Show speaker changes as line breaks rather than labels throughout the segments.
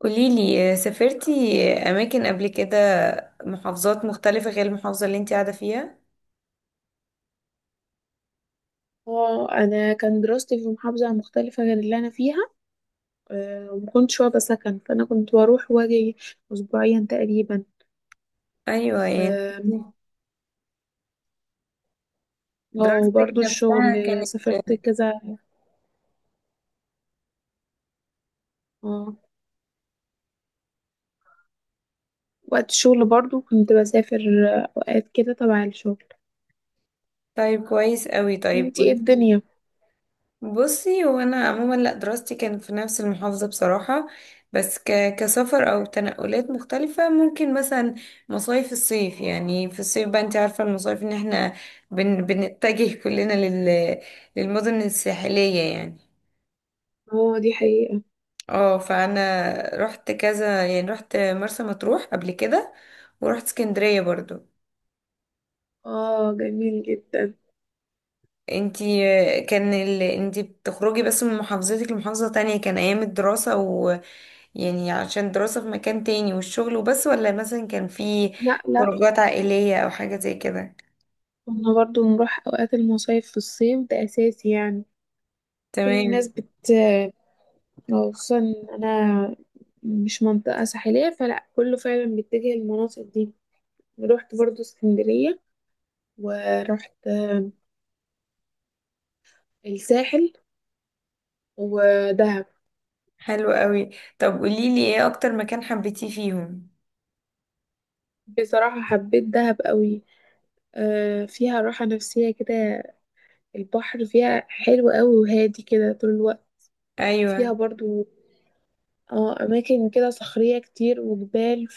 قوليلي سافرتي أماكن قبل كده، محافظات مختلفة غير المحافظة اللي انتي قاعدة فيها؟
اه، انا كان دراستي في محافظه مختلفه غير اللي انا فيها. ومكنتش واخده سكن، فانا كنت بروح واجي اسبوعيا تقريبا.
أيوة، يعني
اه. آه،
دراستك
وبرضه الشغل.
نفسها كانت.
سافرت كذا. اه. وقت الشغل برضه كنت بسافر. اوقات كده تبع الشغل.
طيب، كويس قوي. طيب
انتي ايه
قوليلي.
الدنيا؟
بصي، هو أنا عموما، لأ، دراستي كانت في نفس المحافظة بصراحة. بس كسفر أو تنقلات مختلفة، ممكن مثلا مصايف الصيف، يعني في الصيف بقى، انتي عارفة المصايف ان احنا بنتجه كلنا للمدن الساحلية يعني.
اه، دي حقيقه.
اه، فانا رحت كذا، يعني رحت مرسى مطروح قبل كده ورحت اسكندرية برضو.
اه، جميل جدا.
انتي؟ كان انتي بتخرجي بس من محافظتك لمحافظة تانية، كان ايام الدراسة ويعني عشان الدراسة في مكان تاني والشغل وبس، ولا مثلا كان في
لا، لا.
خروجات عائلية او حاجة زي كده؟
كنا برضه نروح اوقات المصايف في الصيف، ده اساسي يعني. كل الناس
تمام،
بت، أو خصوصا إن أنا مش منطقة ساحلية، فلا كله فعلا بيتجه للمناطق دي. رحت برضو اسكندرية، ورحت الساحل ودهب.
حلو قوي. طب قوليلي، ايه اكتر مكان حبيتيه فيهم؟
بصراحة حبيت دهب قوي. فيها راحة نفسية كده. البحر فيها حلو قوي وهادي كده طول الوقت. فيها
ايوه،
برضو اه أماكن كده صخرية كتير وجبال.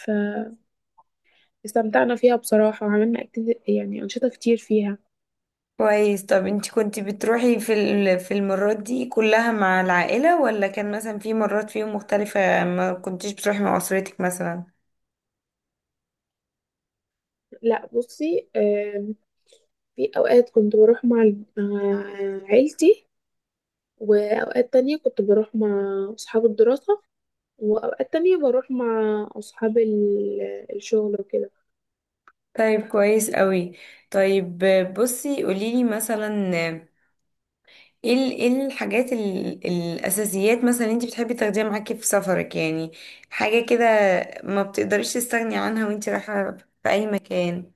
فاستمتعنا فيها بصراحة، وعملنا أكتيف يعني أنشطة كتير فيها.
كويس. طب انت كنت بتروحي في المرات دي كلها مع العائلة، ولا كان مثلا في مرات فيهم مختلفة ما كنتيش بتروحي مع أسرتك مثلا؟
لا، بصي. في أوقات كنت بروح مع مع عيلتي، وأوقات تانية كنت بروح مع أصحاب الدراسة، وأوقات تانية بروح مع أصحاب الشغل وكده.
طيب، كويس قوي. طيب بصي، قوليلي مثلا، ايه الحاجات الأساسيات مثلا انت بتحبي تاخديها معاكي في سفرك، يعني حاجة كده ما بتقدريش تستغني عنها وانت رايحة في أي مكان؟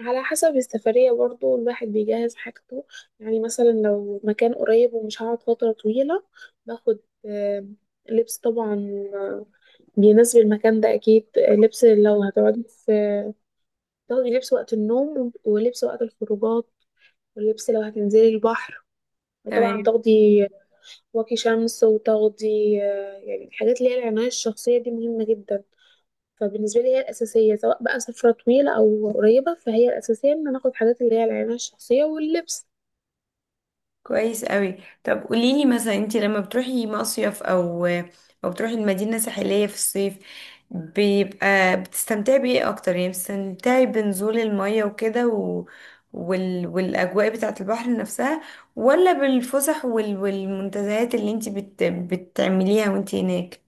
على حسب السفرية، برضو الواحد بيجهز حاجته. يعني مثلا لو مكان قريب ومش هقعد فترة طويلة، باخد آه، لبس طبعا. آه، بيناسب المكان ده. أكيد، لبس لو هتقعدي في، تاخدي لبس وقت النوم، ولبس وقت الخروجات، ولبس لو هتنزلي البحر. وطبعا
تمام،
تاخدي واقي شمس، وتغطي يعني الحاجات اللي هي العناية الشخصية دي مهمة جدا. فبالنسبة لي هي الأساسية، سواء بقى سفرة طويلة أو قريبة، فهي الأساسية إن أنا آخد حاجات اللي هي العناية الشخصية واللبس.
كويس قوي. طب قوليلي مثلا، انت لما بتروحي مصيف او بتروحي المدينة ساحلية في الصيف، بيبقى بتستمتعي بايه اكتر؟ يعني بتستمتعي بنزول المية وكده والاجواء بتاعة البحر نفسها، ولا بالفسح والمنتزهات اللي انت بتعمليها وانت هناك؟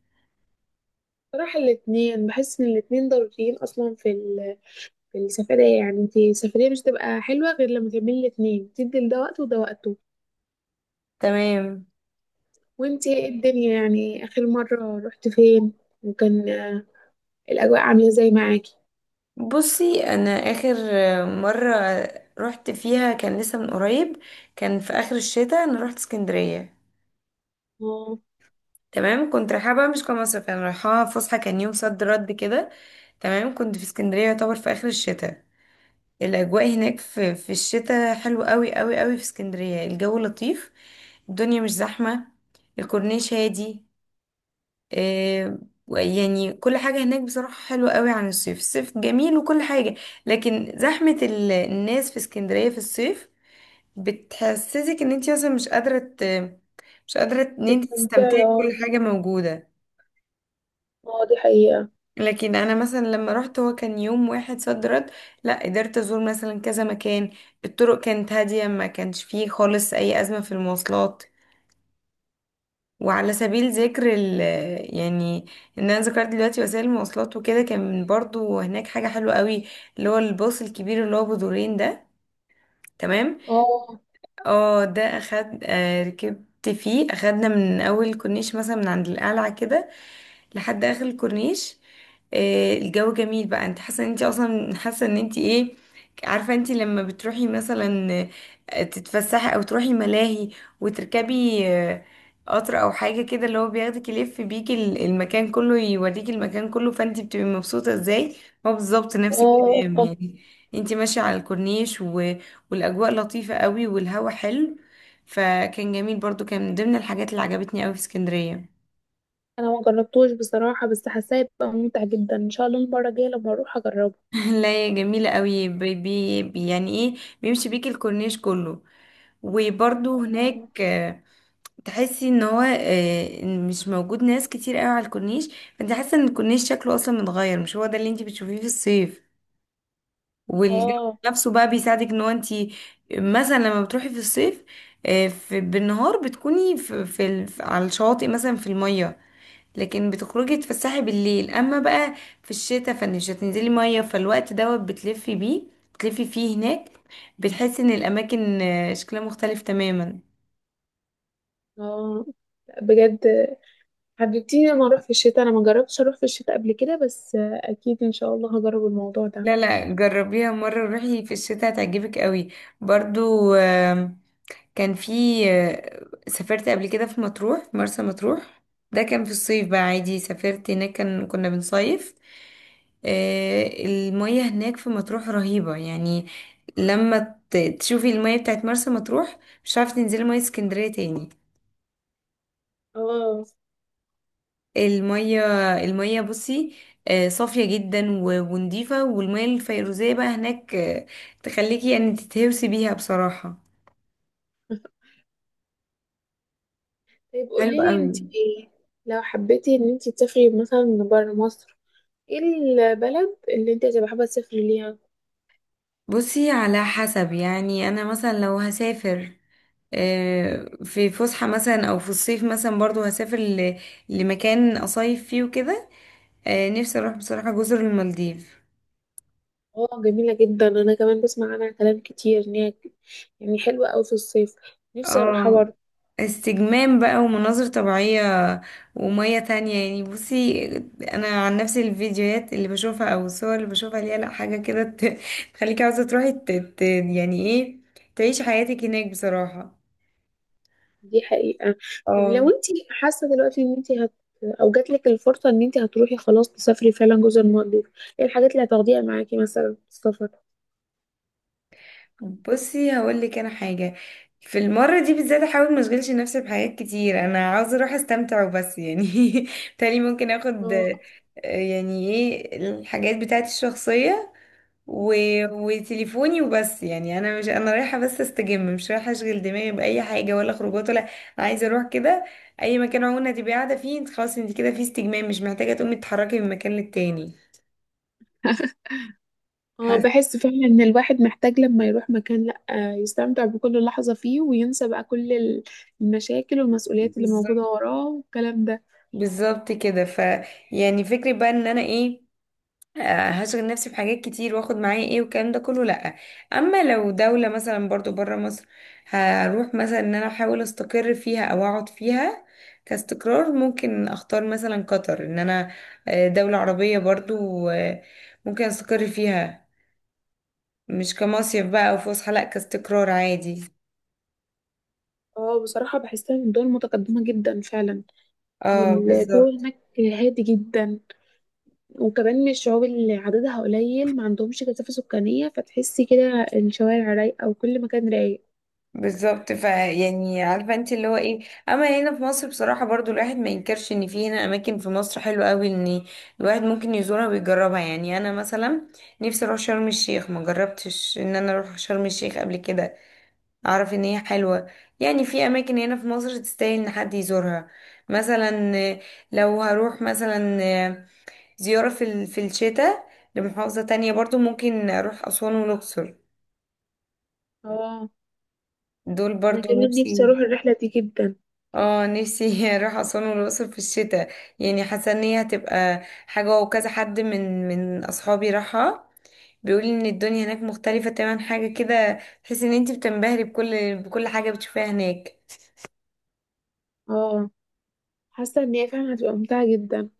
صراحة الاتنين، بحس إن الاتنين ضروريين أصلا في في السفرية. يعني انتي السفرية مش تبقى حلوة غير لما تعملي الاتنين، تدي لده وقت وده وقته.
تمام.
وانتي ايه الدنيا؟ يعني آخر مرة رحت فين؟ وكان الأجواء عاملة ازاي معاكي؟
بصي، انا اخر مرة رحت فيها كان لسه من قريب، كان في اخر الشتاء انا رحت اسكندرية.
اه.
تمام، كنت رايحة بقى مش كمصيف، يعني رايحة فسحة، كان يوم صد رد كده. تمام، كنت في اسكندرية يعتبر في آخر الشتاء. الأجواء هناك في الشتاء حلوة قوي قوي قوي، في اسكندرية الجو لطيف، الدنيا مش زحمة، الكورنيش هادي. آه يعني كل حاجة هناك بصراحة حلوة قوي عن الصيف، الصيف جميل وكل حاجة، لكن زحمة الناس في اسكندرية في الصيف بتحسسك ان انت اصلا مش قادرة ان انت تستمتعي
استمتعي،
بكل
اه.
حاجة موجودة.
اه، دي حقيقة.
لكن انا مثلا لما رحت، هو كان يوم واحد صد رد، لا قدرت ازور مثلا كذا مكان، الطرق كانت هادية، ما كانش فيه خالص اي ازمة في المواصلات. وعلى سبيل ذكر يعني ان انا ذكرت دلوقتي وسائل المواصلات وكده، كان برضو هناك حاجة حلوة قوي، اللي هو الباص الكبير اللي هو بدورين ده، تمام.
اه.
اه، ده اخد، ركبت فيه، اخدنا من اول الكورنيش مثلا من عند القلعة كده لحد اخر الكورنيش. الجو جميل بقى، انت حاسه ان انت اصلا حاسه ان انت ايه، عارفه انت لما بتروحي مثلا تتفسحي او تروحي ملاهي وتركبي قطر او حاجه كده، اللي هو بياخدك يلف بيكي المكان كله، يوريكي المكان كله، فانت بتبقي مبسوطه ازاي، هو بالظبط نفس
اه.
الكلام
آه.
يعني. انت ماشيه على الكورنيش والاجواء لطيفة قوي والهوا حلو، فكان جميل، برضو كان من ضمن الحاجات اللي عجبتني قوي في اسكندرية.
انا ما جربتوش بصراحه، بس حاساه يبقى ممتع جدا. ان شاء الله المره الجايه لما اروح اجربه.
لا، هي جميلة قوي، يعني ايه، بيمشي بيك الكورنيش كله، وبرضو هناك تحسي ان هو مش موجود ناس كتير قوي على الكورنيش، فانت حاسة ان الكورنيش شكله اصلا متغير، مش هو ده اللي انت بتشوفيه في الصيف. والجو
اه.
نفسه بقى بيساعدك، ان هو انت مثلا لما بتروحي في الصيف في بالنهار بتكوني على الشواطئ مثلا في المية، لكن بتخرجي تتفسحي بالليل. اما بقى في الشتاء فمش هتنزلي مية، فالوقت دوت بتلفي بيه، بتلفي فيه هناك، بتحسي ان الاماكن شكلها مختلف تماما.
اه. لأ، بجد حبيبتي، لما اروح في الشتاء، انا ما جربتش اروح في الشتاء قبل كده، بس اكيد ان شاء الله هجرب الموضوع ده.
لا، لا، جربيها مرة، روحي في الشتاء هتعجبك قوي. برضو كان في، سافرت قبل كده في مطروح، في مرسى مطروح، ده كان في الصيف بقى عادي، سافرت هناك، كان كنا بنصيف. المية هناك في مطروح رهيبة، يعني لما تشوفي المية بتاعت مرسى مطروح، مش عارفة تنزلي مية اسكندرية تاني.
اه.
المية المية بصي صافية جدا ونضيفة، والمية الفيروزية بقى هناك، تخليكي يعني تتهوسي بيها بصراحة.
طيب،
حلو
قولي لي
قوي.
انت ايه. لو حبيتي ان انت تسافري مثلا بره مصر، ايه البلد اللي انت هتبقى حابه تسافري ليها؟
بصي، على حسب، يعني انا مثلا لو هسافر في فسحة مثلا او في الصيف مثلا، برضو هسافر لمكان اصيف فيه وكده. نفسي اروح بصراحة جزر المالديف.
اه، جميله جدا. انا كمان بسمع عنها كلام كتير، ان هي يعني حلوه قوي في الصيف. نفسي اروحها
اه،
برضه.
استجمام بقى ومناظر طبيعية ومية تانية يعني. بصي انا عن نفسي، الفيديوهات اللي بشوفها او الصور اللي بشوفها ليها، لا حاجة كده تخليكي عاوزة تروحي يعني ايه، تعيش حياتك هناك بصراحة.
دي حقيقة. طب، لو
اه.
انت حاسة دلوقتي ان انت هت، او جاتلك الفرصة ان انت هتروحي خلاص تسافري فعلا جزر المالديف، ايه الحاجات اللي هتاخديها معاكي مثلا في السفر؟
بصي هقول لك انا حاجه، في المره دي بالذات احاول ما اشغلش نفسي بحاجات كتير، انا عاوزه اروح استمتع وبس يعني. تاني ممكن اخد
اه.
يعني ايه، الحاجات بتاعتي الشخصيه و... وتليفوني وبس، يعني انا مش، انا رايحه بس استجم، مش رايحه اشغل دماغي باي حاجه ولا خروجات، ولا أنا عايزه اروح كده. اي مكان عموما هتبقي قاعده فيه انت خلاص، انت كده في استجمام، مش محتاجه تقومي تتحركي من مكان للتاني
اه،
حاسه.
بحس فعلا ان الواحد محتاج لما يروح مكان، لا يستمتع بكل لحظة فيه، وينسى بقى كل المشاكل والمسؤوليات اللي موجودة
بالظبط،
وراه والكلام ده.
بالظبط كده، ف، يعني فكرة بقى ان انا ايه، هشغل نفسي بحاجات كتير واخد معايا ايه والكلام ده كله؟ لأ. اما لو دولة مثلا برضو برا مصر، هروح مثلا ان انا احاول استقر فيها او اقعد فيها كاستقرار، ممكن اختار مثلا قطر، ان انا دولة عربية برضو، ممكن استقر فيها، مش كمصيف بقى او فسحة، لأ، كاستقرار عادي.
اه، بصراحة بحسها من دول متقدمة جدا فعلا.
اه
والجو
بالظبط،
هناك هادي جدا. وكمان من الشعوب اللي عددها قليل، ما عندهمش كثافة سكانية، فتحسي كده الشوارع رايقة وكل مكان رايق.
بالظبط، فيعني عارفه انت اللي هو ايه، اما هنا في مصر بصراحه، برضو الواحد ما ينكرش ان في هنا اماكن في مصر حلوه قوي ان الواحد ممكن يزورها ويجربها. يعني انا مثلا نفسي اروح شرم الشيخ، ما جربتش ان انا اروح شرم الشيخ قبل كده، اعرف ان هي حلوه. يعني في اماكن هنا في مصر تستاهل ان حد يزورها، مثلا لو هروح مثلا آه، زياره في الشتاء لمحافظه تانية، برضو ممكن اروح اسوان والاقصر،
اه،
دول
انا
برضو
كمان نفسي
نفسي.
اروح الرحلة دي جدا.
اه، نفسي اروح اسوان والاقصر في الشتاء. يعني حاسه ان هي هتبقى حاجه، وكذا حد من اصحابي راحها بيقول ان الدنيا هناك مختلفه تماما، حاجه كده تحس ان انت بتنبهري بكل حاجه بتشوفيها هناك.
اه، حاسة ان هي فعلا هتبقى ممتعة جدا.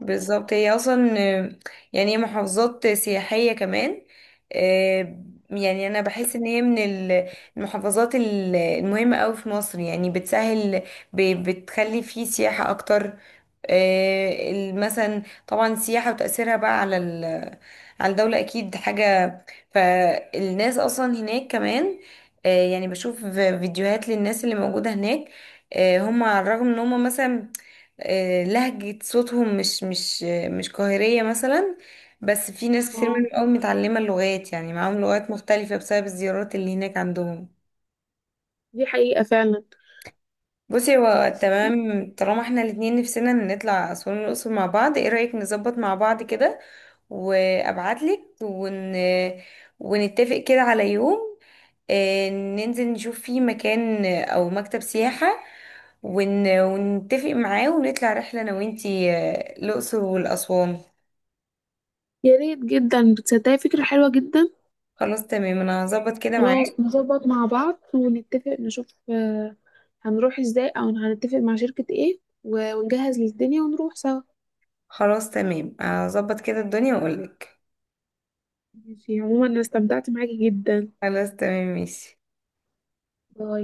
بالظبط، هي اصلا يعني هي محافظات سياحية كمان. آه، يعني انا بحس ان هي من المحافظات المهمة قوي في مصر، يعني بتسهل، بتخلي فيه سياحة اكتر. مثلا طبعا السياحة وتأثيرها بقى على الدولة أكيد حاجة. فالناس أصلا هناك كمان يعني بشوف فيديوهات للناس اللي موجودة هناك. هم على الرغم إن هم مثلا لهجة صوتهم مش قاهرية مثلا، بس في ناس كتير منهم
اه،
قوي متعلمة اللغات، يعني معاهم لغات مختلفة بسبب الزيارات اللي هناك عندهم.
دي حقيقة فعلا.
بصي، هو تمام، طالما احنا الاتنين نفسنا نطلع أسوان والأقصر مع بعض، ايه رأيك نظبط مع بعض كده وأبعتلك، ونتفق كده على يوم ننزل نشوف فيه مكان أو مكتب سياحة، ونتفق معاه ونطلع رحلة أنا وإنتي الأقصر والأسوان.
يا ريت جدا، بتصدقي فكرة حلوة جدا.
خلاص تمام، انا هظبط كده
خلاص،
معاك.
نظبط مع بعض ونتفق نشوف هنروح ازاي، او هنتفق مع شركة ايه ونجهز للدنيا ونروح سوا.
خلاص تمام، هظبط كده الدنيا واقولك.
ماشي، عموما انا استمتعت معاكي جدا.
خلاص تمام ماشي.
باي.